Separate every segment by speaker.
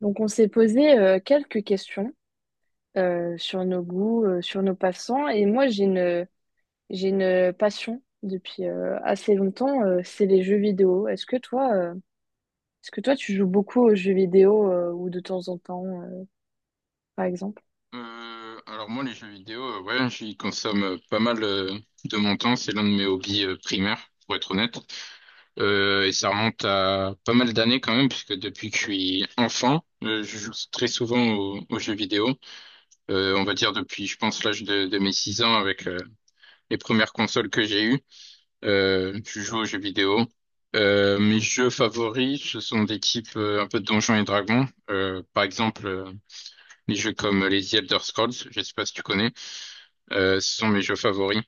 Speaker 1: Donc, on s'est posé quelques questions sur nos goûts, sur nos passants. Et moi, j'ai une passion depuis assez longtemps, c'est les jeux vidéo. Est-ce que toi, tu joues beaucoup aux jeux vidéo ou de temps en temps, par exemple?
Speaker 2: Alors moi les jeux vidéo, ouais, j'y consomme pas mal de mon temps. C'est l'un de mes hobbies primaires, pour être honnête. Et ça remonte à pas mal d'années quand même, puisque depuis que je suis enfant, je joue très souvent aux jeux vidéo. On va dire depuis, je pense, l'âge de mes 6 ans avec les premières consoles que j'ai eues. Je joue aux jeux vidéo. Mes jeux favoris, ce sont des types un peu de Donjons et Dragons. Par exemple, les jeux comme les The Elder Scrolls. Je sais pas si tu connais. Ce sont mes jeux favoris.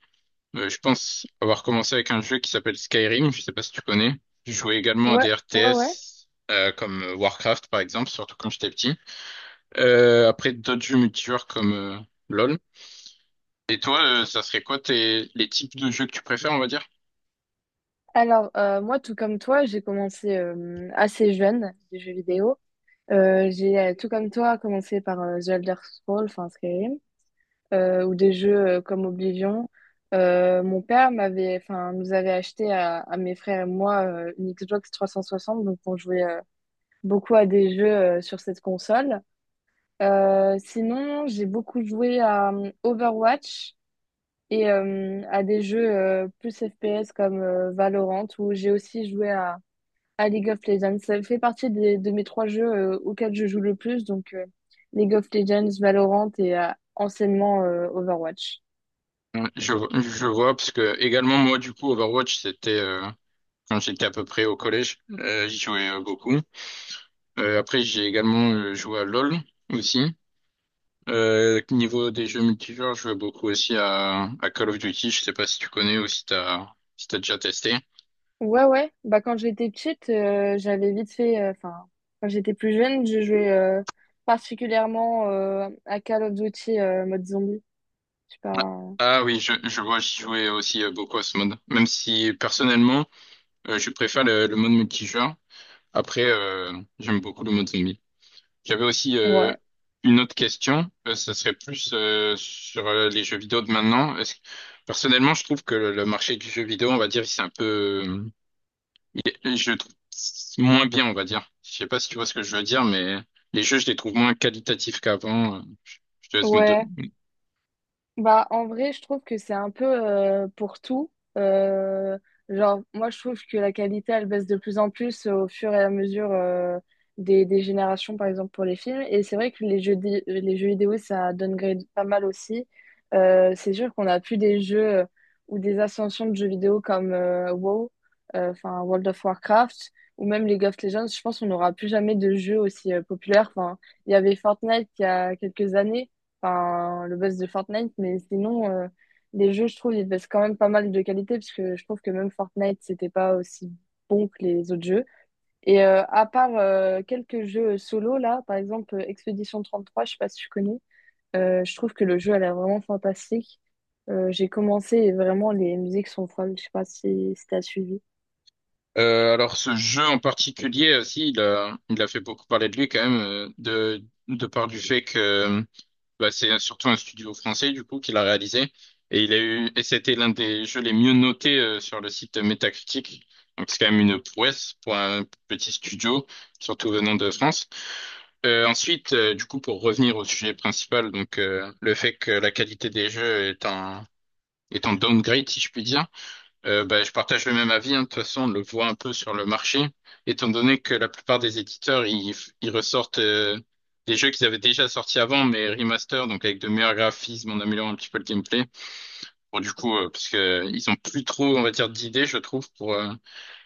Speaker 2: Je pense avoir commencé avec un jeu qui s'appelle Skyrim, je sais pas si tu connais. Je jouais également à
Speaker 1: Ouais,
Speaker 2: des
Speaker 1: ouais, ouais.
Speaker 2: RTS comme Warcraft par exemple, surtout quand j'étais petit. Après d'autres jeux multijoueurs comme LoL. Et toi, ça serait quoi les types de jeux que tu préfères, on va dire?
Speaker 1: Alors, moi, tout comme toi, j'ai commencé assez jeune les jeux vidéo. J'ai, tout comme toi, commencé par The Elder Scrolls, enfin Skyrim. Ou des jeux comme Oblivion. Mon père m'avait, enfin, nous avait acheté à mes frères et moi une Xbox 360, donc on jouait beaucoup à des jeux sur cette console. Sinon, j'ai beaucoup joué à Overwatch et à des jeux plus FPS comme Valorant, où j'ai aussi joué à League of Legends. Ça fait partie des, de mes trois jeux auxquels je joue le plus, donc League of Legends, Valorant et anciennement Overwatch.
Speaker 2: Euh, Je, je vois, parce que également moi du coup Overwatch c'était quand j'étais à peu près au collège, j'y jouais beaucoup. Après j'ai également joué à LoL aussi. Niveau des jeux multijoueurs, je joue beaucoup aussi à Call of Duty. Je sais pas si tu connais ou si t'as déjà testé.
Speaker 1: Ouais, ouais. Bah, quand j'étais petite, j'avais vite fait. Enfin, quand j'étais plus jeune, je jouais particulièrement à Call of Duty mode zombie. Je sais pas.
Speaker 2: Ah oui, je vois, j'y jouais aussi beaucoup à ce mode. Même si personnellement, je préfère le mode multijoueur. Après, j'aime beaucoup le mode zombie. J'avais aussi
Speaker 1: Ouais.
Speaker 2: une autre question. Ça serait plus sur les jeux vidéo de maintenant. Personnellement, je trouve que le marché du jeu vidéo, on va dire, il s'est un peu. Et je le trouve moins bien, on va dire. Je sais pas si tu vois ce que je veux dire, mais les jeux, je les trouve moins qualitatifs qu'avant. Je te laisse me
Speaker 1: Ouais.
Speaker 2: donner.
Speaker 1: Bah, en vrai, je trouve que c'est un peu pour tout. Euh, genre, moi, je trouve que la qualité, elle baisse de plus en plus au fur et à mesure des générations, par exemple, pour les films. Et c'est vrai que les jeux vidéo, ça downgrade pas mal aussi. C'est sûr qu'on n'a plus des jeux ou des ascensions de jeux vidéo comme WoW, enfin World of Warcraft, ou même League of Legends. Je pense qu'on n'aura plus jamais de jeux aussi populaires. Enfin, il y avait Fortnite il y a quelques années, enfin, le buzz de Fortnite, mais sinon, les jeux, je trouve, ils baissent quand même pas mal de qualité, parce que je trouve que même Fortnite, c'était pas aussi bon que les autres jeux. Et à part quelques jeux solo, là, par exemple, Expedition 33, je sais pas si tu connais, je trouve que le jeu a l'air vraiment fantastique. J'ai commencé et vraiment, les musiques sont folles, je sais pas si t'as suivi.
Speaker 2: Alors, ce jeu en particulier aussi, il a fait beaucoup parler de lui quand même, de par du fait que bah, c'est surtout un studio français du coup qui l'a réalisé. Et c'était l'un des jeux les mieux notés sur le site Metacritic. Donc c'est quand même une prouesse pour un petit studio, surtout venant de France. Ensuite, du coup, pour revenir au sujet principal, donc le fait que la qualité des jeux est en downgrade, si je puis dire, bah, je partage le même avis. Hein. De toute façon, on le voit un peu sur le marché, étant donné que la plupart des éditeurs ils ressortent des jeux qu'ils avaient déjà sortis avant, mais remaster, donc avec de meilleurs graphismes, en améliorant un petit peu le gameplay. Bon, du coup, parce que ils ont plus trop, on va dire, d'idées, je trouve, pour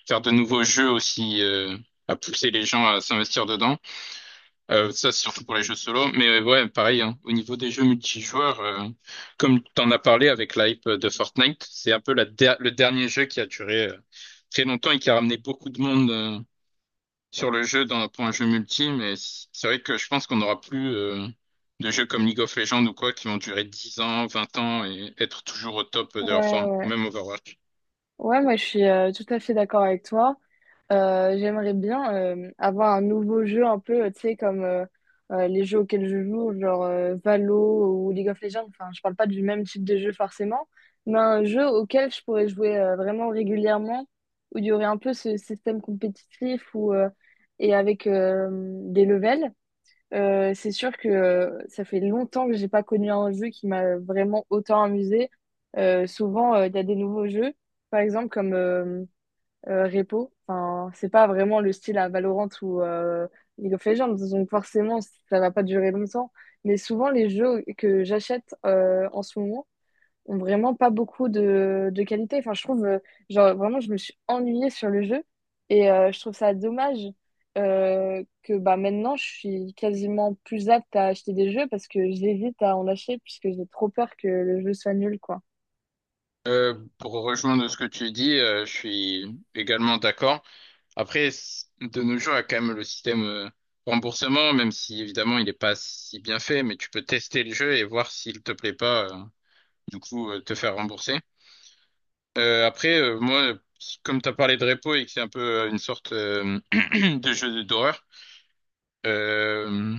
Speaker 2: faire de nouveaux jeux aussi à pousser les gens à s'investir dedans. Ça, c'est surtout pour les jeux solo, mais ouais, pareil, hein. Au niveau des jeux multijoueurs, comme tu en as parlé avec l'hype de Fortnite, c'est un peu le dernier jeu qui a duré très longtemps et qui a ramené beaucoup de monde sur le jeu pour un jeu multi, mais c'est vrai que je pense qu'on n'aura plus de jeux comme League of Legends ou quoi qui vont durer 10 ans, 20 ans et être toujours au top de leur
Speaker 1: Ouais,
Speaker 2: forme, ou
Speaker 1: ouais.
Speaker 2: même Overwatch.
Speaker 1: Ouais, moi, je suis tout à fait d'accord avec toi. J'aimerais bien avoir un nouveau jeu un peu, tu sais, comme les jeux auxquels je joue, genre Valo ou League of Legends. Enfin, je parle pas du même type de jeu forcément, mais un jeu auquel je pourrais jouer vraiment régulièrement, où il y aurait un peu ce système compétitif ou et avec des levels. C'est sûr que ça fait longtemps que j'ai pas connu un jeu qui m'a vraiment autant amusé. Souvent, il y a des nouveaux jeux, par exemple comme repo. Enfin, c'est pas vraiment le style à Valorant ou League of Legends, donc forcément, ça va pas durer longtemps. Mais souvent, les jeux que j'achète en ce moment ont vraiment pas beaucoup de qualité. Enfin, je trouve, genre, vraiment, je me suis ennuyée sur le jeu et je trouve ça dommage que bah, maintenant, je suis quasiment plus apte à acheter des jeux parce que j'hésite à en acheter puisque j'ai trop peur que le jeu soit nul, quoi.
Speaker 2: Pour rejoindre ce que tu dis, je suis également d'accord. Après, de nos jours, il y a quand même le système remboursement, même si évidemment il n'est pas si bien fait, mais tu peux tester le jeu et voir s'il te plaît pas, du coup, te faire rembourser. Après, moi, comme tu as parlé de repo et que c'est un peu une sorte de jeu d'horreur, euh,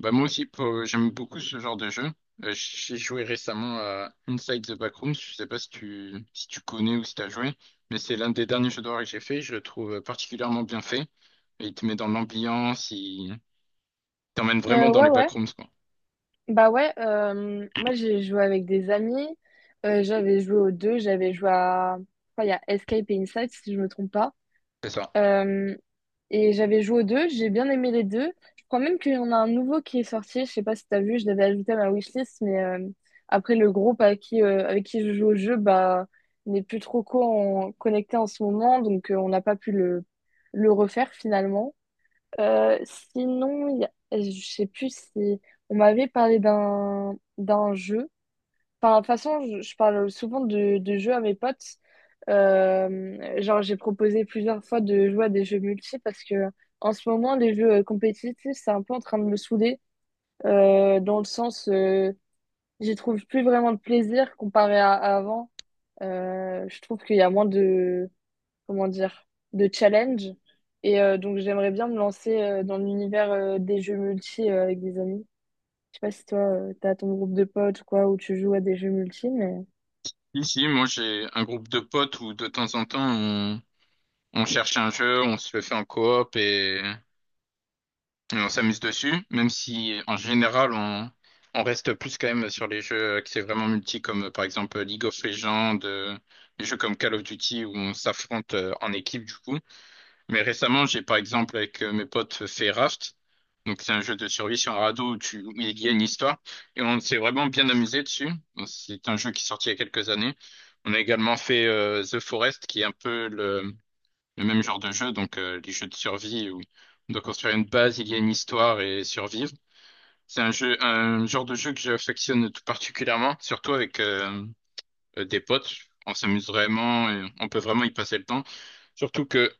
Speaker 2: bah moi aussi, j'aime beaucoup ce genre de jeu. J'ai joué récemment à Inside the Backrooms, je sais pas si tu connais ou si tu as joué, mais c'est l'un des derniers jeux d'horreur que j'ai fait, je le trouve particulièrement bien fait. Il te met dans l'ambiance, il t'emmène vraiment dans
Speaker 1: Ouais,
Speaker 2: les
Speaker 1: ouais.
Speaker 2: backrooms, quoi.
Speaker 1: Bah ouais, moi j'ai joué avec des amis. J'avais joué aux deux. Enfin, il y a Escape et Inside si je me trompe pas.
Speaker 2: C'est ça.
Speaker 1: Euh, et j'avais joué aux deux, j'ai bien aimé les deux. Je crois même qu'il y en a un nouveau qui est sorti, je sais pas si t'as vu, je l'avais ajouté à ma wishlist, mais après le groupe avec qui je joue au jeu, bah, n'est plus trop connecté en ce moment, donc on n'a pas pu le refaire finalement. Sinon, je sais plus si on m'avait parlé d'un jeu. Enfin, de toute façon, je parle souvent de jeux à mes potes. Genre, j'ai proposé plusieurs fois de jouer à des jeux multi parce que en ce moment, les jeux compétitifs, c'est un peu en train de me saouler dans le sens, j'y trouve plus vraiment de plaisir comparé à avant. Je trouve qu'il y a moins de comment dire, de challenge. Et donc, j'aimerais bien me lancer dans l'univers des jeux multi avec des amis. Je sais pas si toi, t'as ton groupe de potes ou quoi, où tu joues à des jeux multi.
Speaker 2: Ici, moi, j'ai un groupe de potes où de temps en temps, on cherche un jeu, on se le fait en coop et on s'amuse dessus, même si en général, on reste plus quand même sur les jeux qui c'est vraiment multi, comme par exemple League of Legends, des jeux comme Call of Duty où on s'affronte en équipe, du coup. Mais récemment, j'ai par exemple avec mes potes fait Raft. Donc c'est un jeu de survie sur un radeau où il y a une histoire. Et on s'est vraiment bien amusé dessus. C'est un jeu qui est sorti il y a quelques années. On a également fait The Forest, qui est un peu le même genre de jeu. Donc les jeux de survie où on doit construire une base, il y a une histoire et survivre. C'est un genre de jeu que j'affectionne tout particulièrement, surtout avec des potes. On s'amuse vraiment et on peut vraiment y passer le temps. Surtout que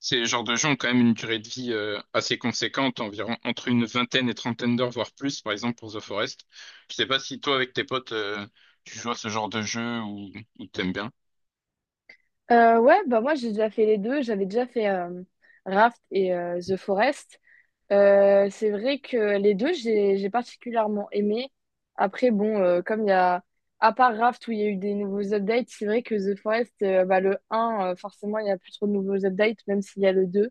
Speaker 2: ces genres de jeux ont quand même une durée de vie assez conséquente, environ entre une vingtaine et trentaine d'heures, voire plus, par exemple pour The Forest. Je sais pas si toi, avec tes potes, tu joues à ce genre de jeu ou t'aimes bien.
Speaker 1: Ouais, bah moi, j'ai déjà fait les deux. J'avais déjà fait Raft et The Forest. C'est vrai que les deux, j'ai particulièrement aimé. Après, bon, comme il y a... À part Raft, où il y a eu des nouveaux updates, c'est vrai que The Forest, bah, le un forcément, il n'y a plus trop de nouveaux updates, même s'il y a le 2.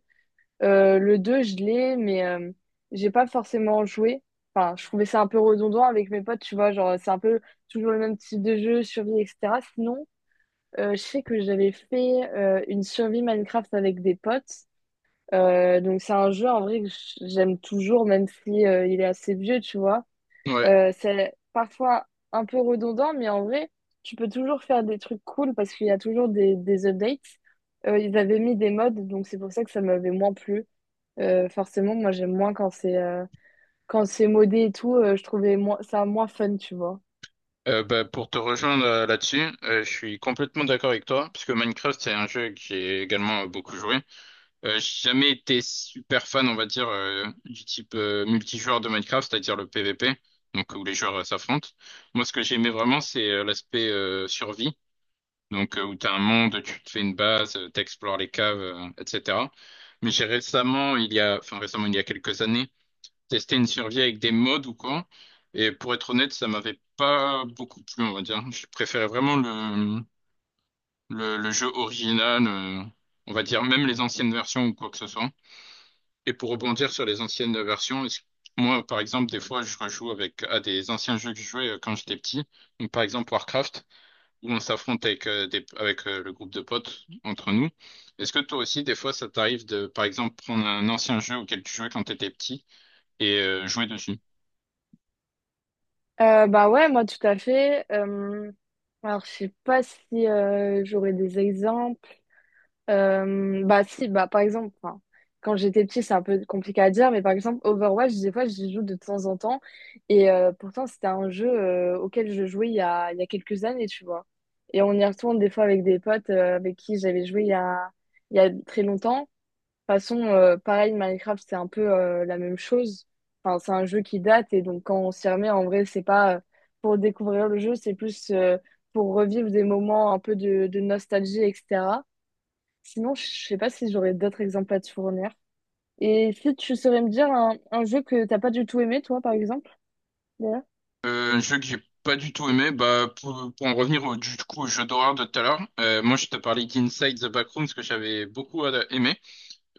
Speaker 1: Le 2 je l'ai, mais j'ai pas forcément joué. Enfin, je trouvais ça un peu redondant avec mes potes, tu vois, genre c'est un peu toujours le même type de jeu, survie, etc. Sinon, je sais que j'avais fait une survie Minecraft avec des potes. Donc c'est un jeu en vrai que j'aime toujours, même si il est assez vieux, tu vois.
Speaker 2: Ouais.
Speaker 1: C'est parfois un peu redondant, mais en vrai, tu peux toujours faire des trucs cool parce qu'il y a toujours des updates. Ils avaient mis des mods, donc c'est pour ça que ça m'avait moins plu. Forcément, moi j'aime moins quand c'est modé et tout, je trouvais moins, ça moins fun, tu vois.
Speaker 2: Bah, pour te rejoindre là-dessus, je suis complètement d'accord avec toi, puisque Minecraft, c'est un jeu que j'ai également beaucoup joué. J'ai jamais été super fan, on va dire, du type multijoueur de Minecraft, c'est-à-dire le PVP, donc où les joueurs s'affrontent. Moi, ce que j'aimais vraiment, c'est l'aspect survie. Donc, où tu as un monde, tu te fais une base, tu explores les caves, etc. Mais j'ai récemment, enfin récemment, il y a quelques années, testé une survie avec des mods ou quoi. Et pour être honnête, ça m'avait pas beaucoup plu, on va dire. Je préférais vraiment le jeu original, on va dire, même les anciennes versions ou quoi que ce soit. Et pour rebondir sur les anciennes versions, moi, par exemple, des fois, je rejoue avec à des anciens jeux que je jouais quand j'étais petit. Donc, par exemple, Warcraft où on s'affronte avec le groupe de potes entre nous. Est-ce que toi aussi, des fois, ça t'arrive de, par exemple, prendre un ancien jeu auquel tu jouais quand t'étais petit et jouer dessus?
Speaker 1: Bah ouais, moi tout à fait. Alors je sais pas si j'aurais des exemples. Bah si, bah par exemple, enfin, quand j'étais petite, c'est un peu compliqué à dire, mais par exemple Overwatch, des fois j'y joue de temps en temps, et pourtant c'était un jeu auquel je jouais il y a quelques années, tu vois. Et on y retourne des fois avec des potes avec qui j'avais joué il y a très longtemps. De toute façon, pareil, Minecraft, c'est un peu la même chose. Enfin, c'est un jeu qui date et donc quand on s'y remet, en vrai, c'est pas pour découvrir le jeu, c'est plus pour revivre des moments un peu de nostalgie, etc. Sinon, je sais pas si j'aurais d'autres exemples à te fournir. Et si tu saurais me dire un jeu que t'as pas du tout aimé, toi, par exemple, d'ailleurs?
Speaker 2: Un jeu que j'ai pas du tout aimé, bah, pour en revenir du coup, au jeu d'horreur de tout à l'heure, moi je te parlais d'Inside the Backrooms que j'avais beaucoup aimé.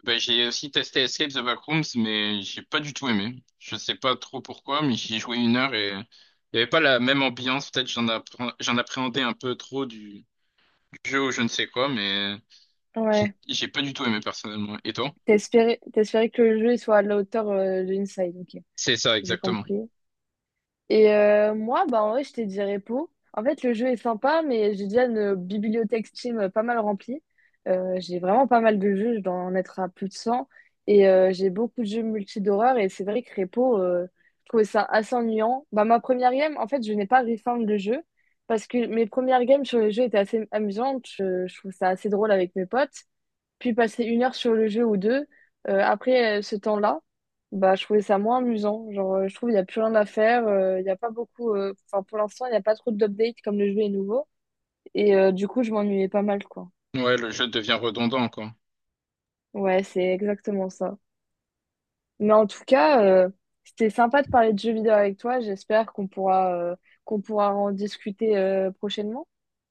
Speaker 2: Bah, j'ai aussi testé Escape the Backrooms, mais j'ai pas du tout aimé. Je sais pas trop pourquoi, mais j'y ai joué une heure et il y avait pas la même ambiance. Peut-être j'en appréhendais un peu trop jeu ou je ne sais quoi, mais j'ai
Speaker 1: Ouais.
Speaker 2: j'ai pas du tout aimé personnellement. Et toi?
Speaker 1: T'espérais que le jeu il soit à la hauteur de Inside, ok.
Speaker 2: C'est ça,
Speaker 1: J'ai
Speaker 2: exactement.
Speaker 1: compris. Et moi, bah, en vrai, je j'étais dirépo. En fait, le jeu est sympa, mais j'ai déjà une bibliothèque Steam, pas mal remplie. J'ai vraiment pas mal de jeux, je dois en être à plus de 100 et j'ai beaucoup de jeux multi d'horreur et c'est vrai que repo je trouvais ça assez ennuyant. Bah, ma première game, en fait, je n'ai pas refarm le jeu parce que mes premières games sur le jeu étaient assez amusantes. Je trouve ça assez drôle avec mes potes puis passer une heure sur le jeu ou deux. Après ce temps-là, bah, je trouvais ça moins amusant. Genre, je trouve qu'il n'y a plus rien à faire. Il n'y a pas beaucoup. Enfin, pour l'instant, il n'y a pas trop d'updates comme le jeu est nouveau. Et du coup, je m'ennuyais pas mal, quoi.
Speaker 2: Ouais, le jeu devient redondant, quoi.
Speaker 1: Ouais, c'est exactement ça. Mais en tout cas, c'était sympa de parler de jeux vidéo avec toi. J'espère qu'on pourra en discuter prochainement.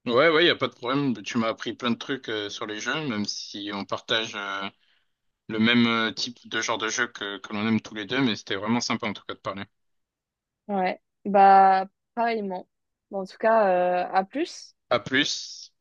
Speaker 2: Ouais, ouais, y a pas de problème. Tu m'as appris plein de trucs sur les jeux, même si on partage le même type de genre de jeu que l'on aime tous les deux, mais c'était vraiment sympa en tout cas de parler.
Speaker 1: Ouais, bah, pareillement. Bon, en tout cas, à plus.
Speaker 2: À plus.